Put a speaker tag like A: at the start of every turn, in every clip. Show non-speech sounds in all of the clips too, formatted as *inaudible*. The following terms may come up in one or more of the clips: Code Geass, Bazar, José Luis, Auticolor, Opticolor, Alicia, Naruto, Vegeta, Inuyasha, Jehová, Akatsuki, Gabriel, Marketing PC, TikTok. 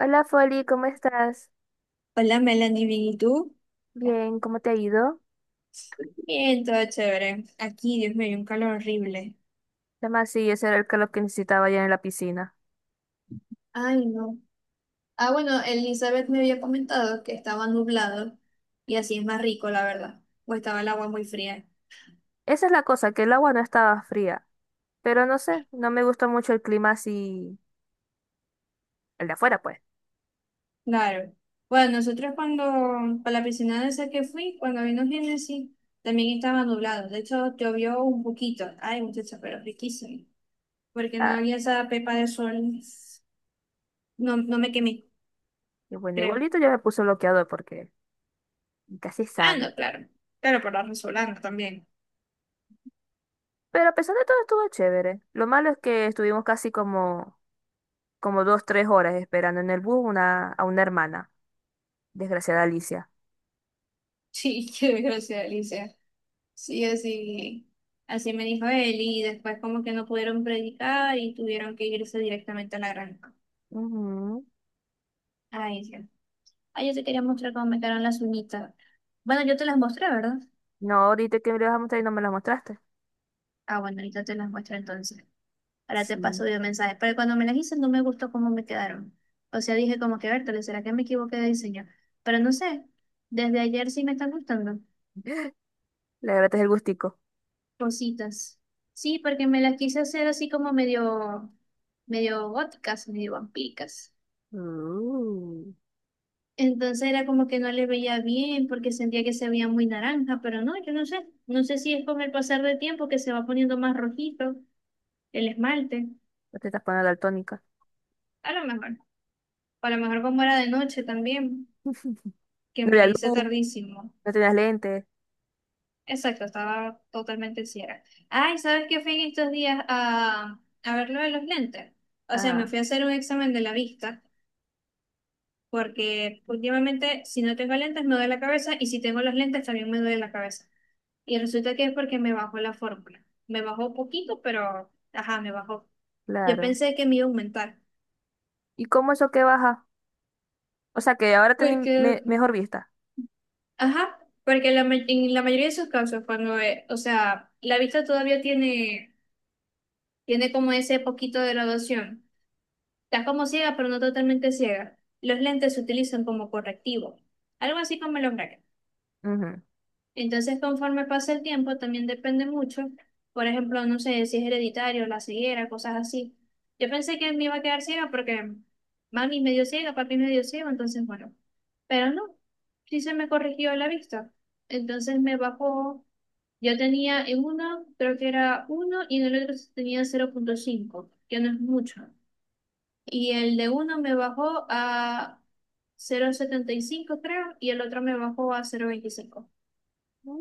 A: Hola Foli, ¿cómo estás?
B: Hola Melanie, bien, ¿y tú?
A: Bien, ¿cómo te ha ido?
B: Bien, todo chévere. Aquí, Dios mío, hay un calor horrible.
A: Además, sí, ese era el calor que necesitaba allá en la piscina.
B: Ay, no. Ah, bueno, Elizabeth me había comentado que estaba nublado y así es más rico, la verdad. O estaba el agua muy fría.
A: Esa es la cosa, que el agua no estaba fría, pero no sé, no me gusta mucho el clima así, el de afuera pues.
B: Claro. Bueno, nosotros para la piscina de esa que fui, cuando vino Génesis, también estaba nublado. De hecho, llovió un poquito. Ay, muchacha, pero riquísimo. Porque no
A: Ah,
B: había esa pepa de sol. No, no me quemé,
A: y bueno,
B: creo.
A: igualito yo me puse bloqueador porque casi
B: Ah,
A: sabe.
B: no, claro. Pero por la resolana también.
A: Pero a pesar de todo estuvo chévere. Lo malo es que estuvimos casi como dos, tres horas esperando en el bus a una hermana, desgraciada Alicia.
B: Sí, *laughs* qué desgracia, Alicia. Sí, así me dijo él, y después como que no pudieron predicar y tuvieron que irse directamente a la granja.
A: Ujú.
B: Ay, sí. Ay, yo te quería mostrar cómo me quedaron las uñitas. Bueno, yo te las mostré, ¿verdad?
A: No, ahorita que me lo vas a mostrar y no me la mostraste.
B: Ah, bueno, ahorita te las muestro entonces. Ahora te
A: Sí.
B: paso de mensaje. Pero cuando me las hice no me gustó cómo me quedaron. O sea, dije como que, Bertale, ¿será que me equivoqué de diseño? Pero no sé, desde ayer sí me están gustando.
A: *laughs* Le agradeces el gustico.
B: Rositas. Sí, porque me las quise hacer así como medio góticas, medio vampíricas.
A: Uh,
B: Entonces era como que no le veía bien porque sentía que se veía muy naranja, pero no, yo no sé. No sé si es con el pasar del tiempo que se va poniendo más rojito el esmalte.
A: no te estás poniendo daltónica.
B: A lo mejor. O a lo mejor como era de noche también,
A: *laughs*
B: que
A: No
B: me la
A: había
B: hice
A: luz,
B: tardísimo.
A: no tenías lentes.
B: Exacto, estaba totalmente ciega. Ay, ¿sabes qué fui en estos días a ver lo de los lentes? O sea, me
A: Ah,
B: fui a hacer un examen de la vista, porque últimamente si no tengo lentes me duele la cabeza y si tengo los lentes también me duele la cabeza. Y resulta que es porque me bajó la fórmula. Me bajó poquito, pero ajá, me bajó. Yo
A: claro.
B: pensé que me iba a aumentar.
A: ¿Y cómo eso que baja? O sea, que ahora tenés
B: Porque,
A: mejor vista.
B: ajá, porque en la mayoría de sus casos, cuando, o sea, la vista todavía tiene como ese poquito de graduación. Estás como ciega, pero no totalmente ciega. Los lentes se utilizan como correctivo. Algo así como los brackets.
A: Ujú.
B: Entonces, conforme pasa el tiempo, también depende mucho. Por ejemplo, no sé si es hereditario, la ceguera, cosas así. Yo pensé que me iba a quedar ciega porque mami es medio ciega, papi es medio ciego, entonces bueno. Pero no, sí se me corrigió la vista. Entonces me bajó. Yo tenía en uno, creo que era uno, y en el otro tenía 0,5, que no es mucho. Y el de uno me bajó a 0,75 creo, y el otro me bajó a 0,25.
A: Mm,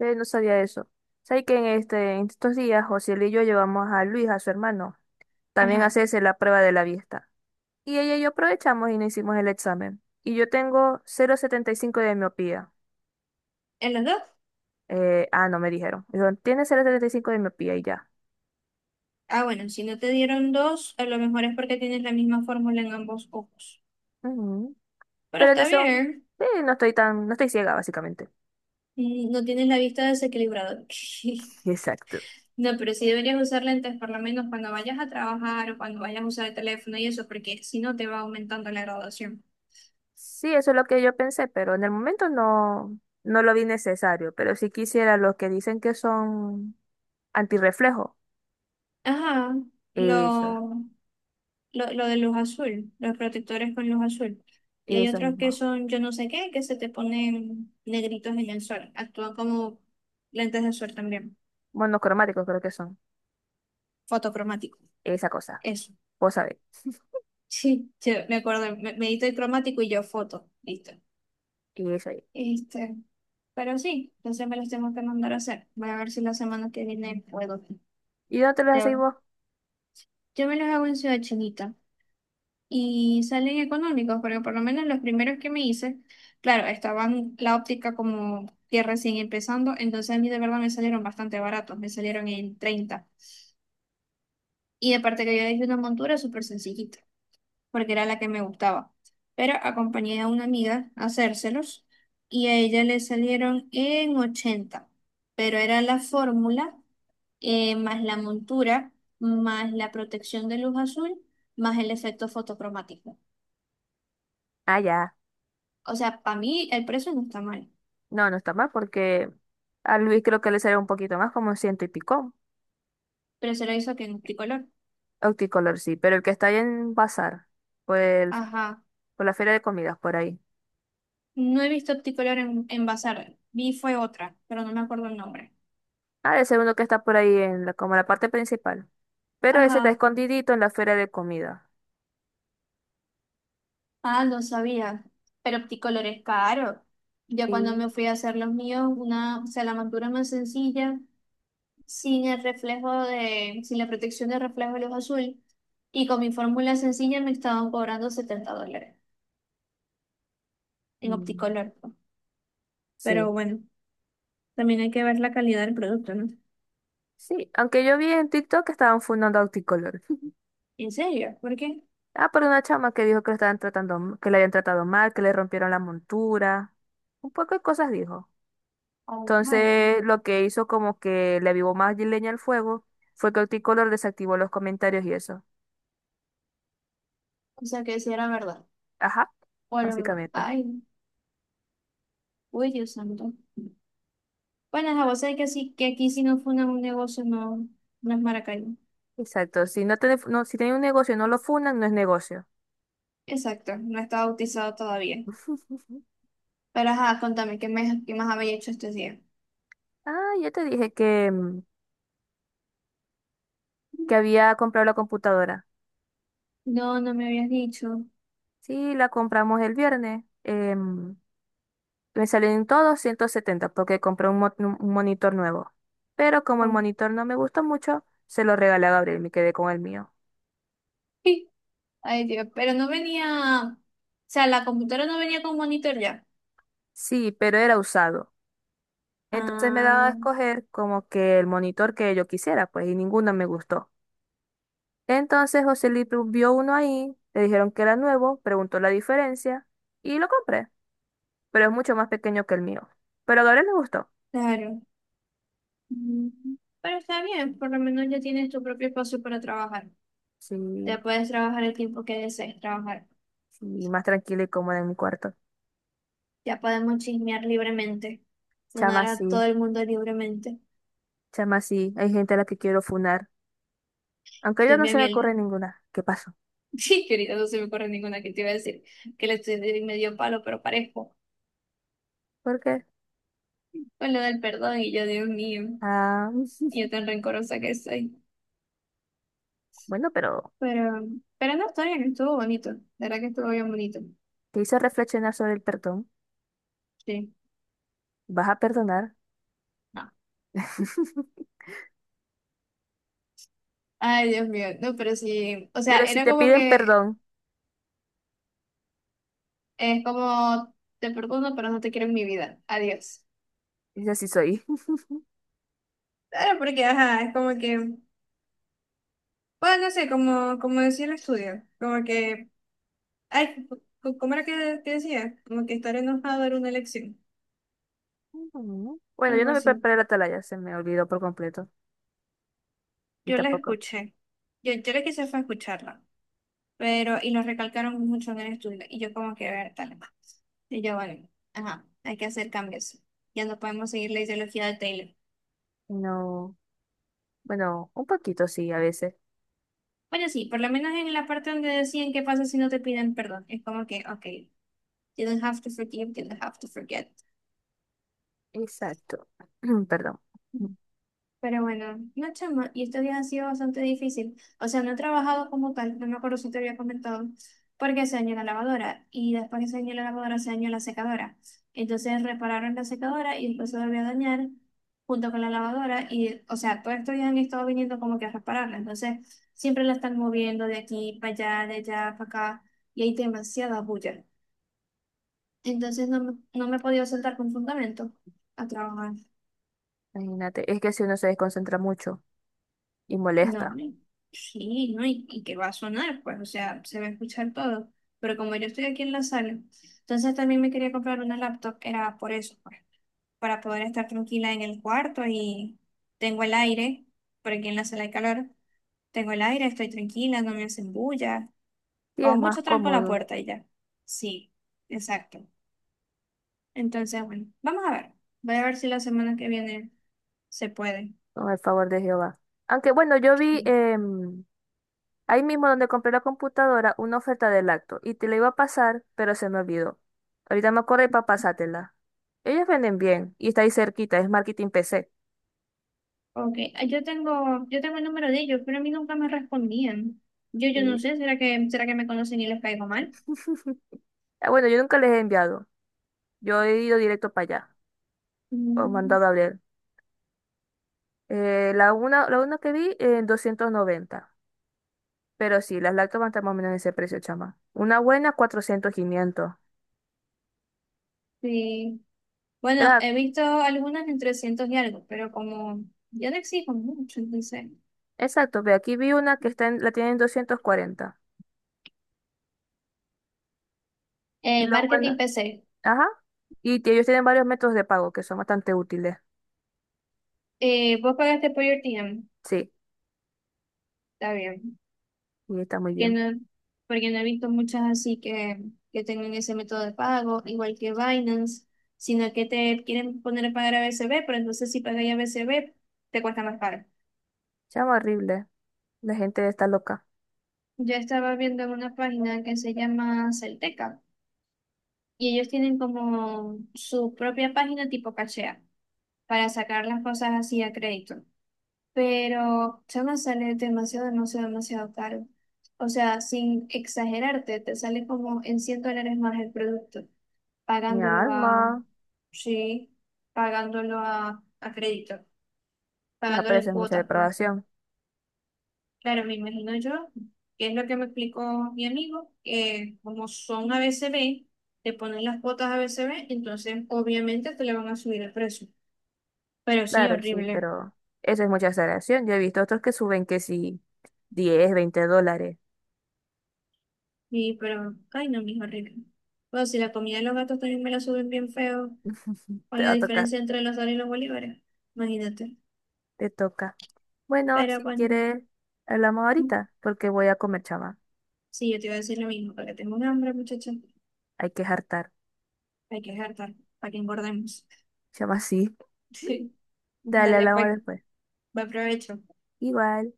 A: no sabía eso. ¿Sabes que en estos días José y yo llevamos a Luis, a su hermano, también a
B: Ajá.
A: hacerse la prueba de la vista? Y ella y yo aprovechamos y nos hicimos el examen. Y yo tengo 0,75 de miopía.
B: En los dos.
A: No, me dijeron. Dijeron, tiene 0,75 de miopía y ya.
B: Ah, bueno, si no te dieron dos, a lo mejor es porque tienes la misma fórmula en ambos ojos.
A: Ujú.
B: Pero
A: Pero en
B: está
A: eso,
B: bien,
A: sí, no estoy ciega, básicamente.
B: no tienes la vista desequilibrada. *laughs*
A: *laughs* Exacto.
B: No, pero sí deberías usar lentes por lo menos cuando vayas a trabajar o cuando vayas a usar el teléfono y eso, porque si no te va aumentando la graduación.
A: Sí, eso es lo que yo pensé, pero en el momento no, no lo vi necesario. Pero si quisiera los que dicen que son antirreflejo,
B: Ajá,
A: eso,
B: lo, lo de luz azul, los protectores con luz azul. Y hay
A: eso
B: otros que
A: mismo.
B: son yo no sé qué, que se te ponen negritos en el sol. Actúan como lentes de sol también,
A: Monocromáticos creo que son,
B: fotocromático.
A: esa cosa.
B: Eso.
A: Vos sabés.
B: Sí, yo me acuerdo, me edito el cromático y yo foto, listo.
A: Y eso ahí.
B: Este, pero sí, entonces me los tengo que mandar a hacer. Voy a ver si la semana que viene puedo.
A: ¿Y dónde te los hacéis
B: Te-
A: vos?
B: Yo me los hago en Ciudad Chinita y salen económicos, porque por lo menos los primeros que me hice, claro, estaban la óptica como que recién empezando, entonces a mí de verdad me salieron bastante baratos, me salieron en 30. Y aparte que yo hice una montura súper sencillita, porque era la que me gustaba. Pero acompañé a una amiga a hacérselos y a ella le salieron en 80, pero era la fórmula, más la montura, más la protección de luz azul, más el efecto fotocromático.
A: Ah, ya.
B: O sea, para mí el precio no está mal,
A: No, no está mal porque a Luis creo que le sale un poquito más, como un ciento y pico.
B: pero se lo hizo que en Opticolor.
A: Opticolor sí, pero el que está ahí en Bazar, por, el-
B: Ajá,
A: por la feria de comidas, por ahí.
B: no he visto Opticolor en, Bazar, vi fue otra, pero no me acuerdo el nombre.
A: Ah, el segundo que está por ahí en como la parte principal. Pero ese está
B: Ajá.
A: escondidito en la feria de comida.
B: Ah, no sabía. Pero Opticolor es caro. Yo cuando
A: Sí.
B: me fui a hacer los míos, una, o sea, la montura más sencilla, sin el reflejo de, sin la protección de reflejo de luz azul, y con mi fórmula sencilla me estaban cobrando $70 en
A: Mm.
B: Opticolor, pues.
A: Sí,
B: Pero bueno, también hay que ver la calidad del producto, ¿no?
A: sí. Aunque yo vi en TikTok que estaban fundando Auticolor. *laughs*
B: ¿En serio? ¿Por qué?
A: Ah, por una chama que dijo que lo estaban tratando, que le habían tratado mal, que le rompieron la montura. Un poco de cosas dijo.
B: Oh my God.
A: Entonces, lo que hizo como que le avivó más leña al fuego fue que Auticolor desactivó los comentarios y eso.
B: O sea, que si era verdad.
A: Ajá,
B: Bueno,
A: básicamente.
B: ay, uy, Dios santo. Bueno, a vos sabés que sí, que aquí si no fue un negocio, no, no es Maracay.
A: Exacto. Si no tenés, no, si tenés un negocio y no lo fundan, no es negocio.
B: Exacto, no estaba bautizado todavía.
A: *laughs*
B: Pero ajá, contame, ¿qué, qué más había hecho este día?
A: Ah, yo te dije que había comprado la computadora.
B: No, no me habías dicho.
A: Sí, la compramos el viernes. Me salieron todos 170 porque compré un monitor nuevo. Pero como el
B: Ok.
A: monitor no me gustó mucho, se lo regalé a Gabriel, me quedé con el mío.
B: Ay, Dios, pero no venía, o sea, la computadora no venía con monitor ya.
A: Sí, pero era usado. Entonces me daba a
B: Ah,
A: escoger como que el monitor que yo quisiera, pues, y ninguno me gustó. Entonces José Luis vio uno ahí, le dijeron que era nuevo, preguntó la diferencia y lo compré, pero es mucho más pequeño que el mío. Pero a Gabriel le gustó.
B: claro. Mm, Pero está bien, por lo menos ya tienes tu propio espacio para trabajar.
A: Sí,
B: Ya puedes trabajar el tiempo que desees trabajar.
A: sí, más tranquila y cómoda en mi cuarto.
B: Ya podemos chismear libremente, sonar
A: Chama
B: a todo
A: sí,
B: el mundo libremente.
A: chama sí, hay gente a la que quiero funar. Aunque yo
B: Dios
A: no
B: mío,
A: se me ocurre
B: miel.
A: ninguna. ¿Qué pasó?
B: Sí, que ahorita no se me ocurre ninguna que te iba a decir que le estoy de medio palo, pero parejo.
A: ¿Por qué?
B: Con lo del perdón y yo, Dios mío,
A: Ah,
B: y yo tan rencorosa que soy.
A: *laughs* bueno, pero
B: Pero, pero no, está bien, estuvo bonito. La verdad que estuvo bien bonito.
A: te hice reflexionar sobre el perdón.
B: Sí.
A: ¿Vas a perdonar?
B: No.
A: *laughs*
B: Ay, Dios mío, no, pero sí. O sea,
A: Pero si
B: era
A: te
B: como
A: piden
B: que
A: perdón,
B: es como te perdono, pero no te quiero en mi vida. Adiós.
A: es así soy.
B: Claro, porque ajá, es como que, bueno, no sé, como decía el estudio, como que, ay, ¿cómo era que decía? Como que estar enojado era una elección.
A: *laughs* Ujú. Bueno, yo
B: Algo
A: no me
B: así.
A: preparé la atalaya, se me olvidó por completo. Y
B: Yo la
A: tampoco.
B: escuché. Yo lo quise fue escucharla. Pero, y lo recalcaron mucho en el estudio. Y yo como que ver tal. Y yo, bueno, ajá, hay que hacer cambios. Ya no podemos seguir la ideología de Taylor.
A: No, bueno, un poquito sí, a veces.
B: Bueno, sí, por lo menos en la parte donde decían qué pasa si no te piden perdón. Es como que, ok, you don't have to forgive, you don't have to forget.
A: Exacto. *clears throat* Perdón.
B: Pero bueno, no chama, y estos días ha sido bastante difícil. O sea, no he trabajado como tal, no me acuerdo si te había comentado, porque se dañó la lavadora y después que se dañó la lavadora se dañó la secadora. Entonces repararon la secadora y después se volvió a dañar junto con la lavadora y, o sea, todos estos días han estado viniendo como que a repararla. Entonces siempre la están moviendo de aquí para allá, de allá para acá y hay demasiada bulla. Entonces no, no me he podido sentar con fundamento a trabajar.
A: Imagínate, es que si uno se desconcentra mucho y
B: No,
A: molesta,
B: no, sí, ¿no? Y que va a sonar, pues, o sea, se va a escuchar todo. Pero como yo estoy aquí en la sala, entonces también me quería comprar una laptop, era por eso, pues, para poder estar tranquila en el cuarto y tengo el aire, por aquí en la sala hay calor, tengo el aire, estoy tranquila, no me hacen bulla,
A: sí
B: o
A: es más
B: mucho tranco la
A: cómodo
B: puerta y ya. Sí, exacto. Entonces, bueno, vamos a ver, voy a ver si la semana que viene se puede.
A: con el favor de Jehová. Aunque bueno, yo vi
B: Sí.
A: ahí mismo donde compré la computadora una oferta de lacto y te la iba a pasar, pero se me olvidó. Ahorita me acordé para pasártela. Ellos venden bien y está ahí cerquita, es Marketing PC.
B: Ok, ah, yo tengo el número de ellos, pero a mí nunca me respondían. Yo no
A: Y-
B: sé, ¿será que me conocen y les caigo mal?
A: *laughs* Ah, bueno, yo nunca les he enviado, yo he ido directo para allá o
B: Mm,
A: mandado a ver. La una que vi en 290. Pero sí, las lácteas van a estar más o menos en ese precio, chama. Una buena, 400, 500.
B: sí.
A: Pero,
B: Bueno, he visto algunas en 300 y algo, pero como yo no exijo mucho, entonces.
A: exacto, ve, aquí vi una que la tienen en 240. Y lo
B: Marketing
A: bueno,
B: PC.
A: ajá. Y ellos tienen varios métodos de pago que son bastante útiles.
B: Vos pagaste por your team,
A: Sí,
B: está bien.
A: y está muy
B: Que
A: bien.
B: no, porque no he visto muchas así que, tengan ese método de pago, igual que Binance, sino que te quieren poner a pagar a BCB, pero entonces si pagas a BCB te cuesta más caro.
A: Chama, horrible. La gente está loca.
B: Yo estaba viendo en una página que se llama Celteca y ellos tienen como su propia página tipo cachea para sacar las cosas así a crédito. Pero se me sale demasiado, demasiado, demasiado caro. O sea, sin exagerarte, te sale como en $100 más el producto,
A: Mi
B: pagándolo
A: alma.
B: a, sí, pagándolo a crédito,
A: No,
B: pagándolo
A: pero eso
B: en
A: es mucha
B: cuotas, pues.
A: depravación.
B: Claro, me imagino yo, que es lo que me explicó mi amigo, que como son ABCB, te ponen las cuotas AB, CB, entonces obviamente te le van a subir el precio. Pero sí,
A: Claro, sí,
B: horrible.
A: pero eso es mucha exageración. Yo he visto otros que suben que sí, 10 20 dólares.
B: Y pero, ay no, mijo, horrible. Pues si la comida de los gatos también me la suben bien feo,
A: *laughs*
B: con
A: Te
B: la
A: va a tocar.
B: diferencia entre los dólares y los bolívares, imagínate.
A: Te toca. Bueno,
B: Pero
A: si
B: bueno,
A: quieres, hablamos
B: mm,
A: ahorita, porque voy a comer, chama.
B: sí, yo te iba a decir lo mismo, porque tengo un hambre, muchacha.
A: Hay que hartar.
B: Hay que jartar, para que engordemos.
A: Chama, *laughs* sí.
B: *laughs*
A: Dale,
B: Dale,
A: hablamos
B: pues,
A: después.
B: buen provecho.
A: Igual.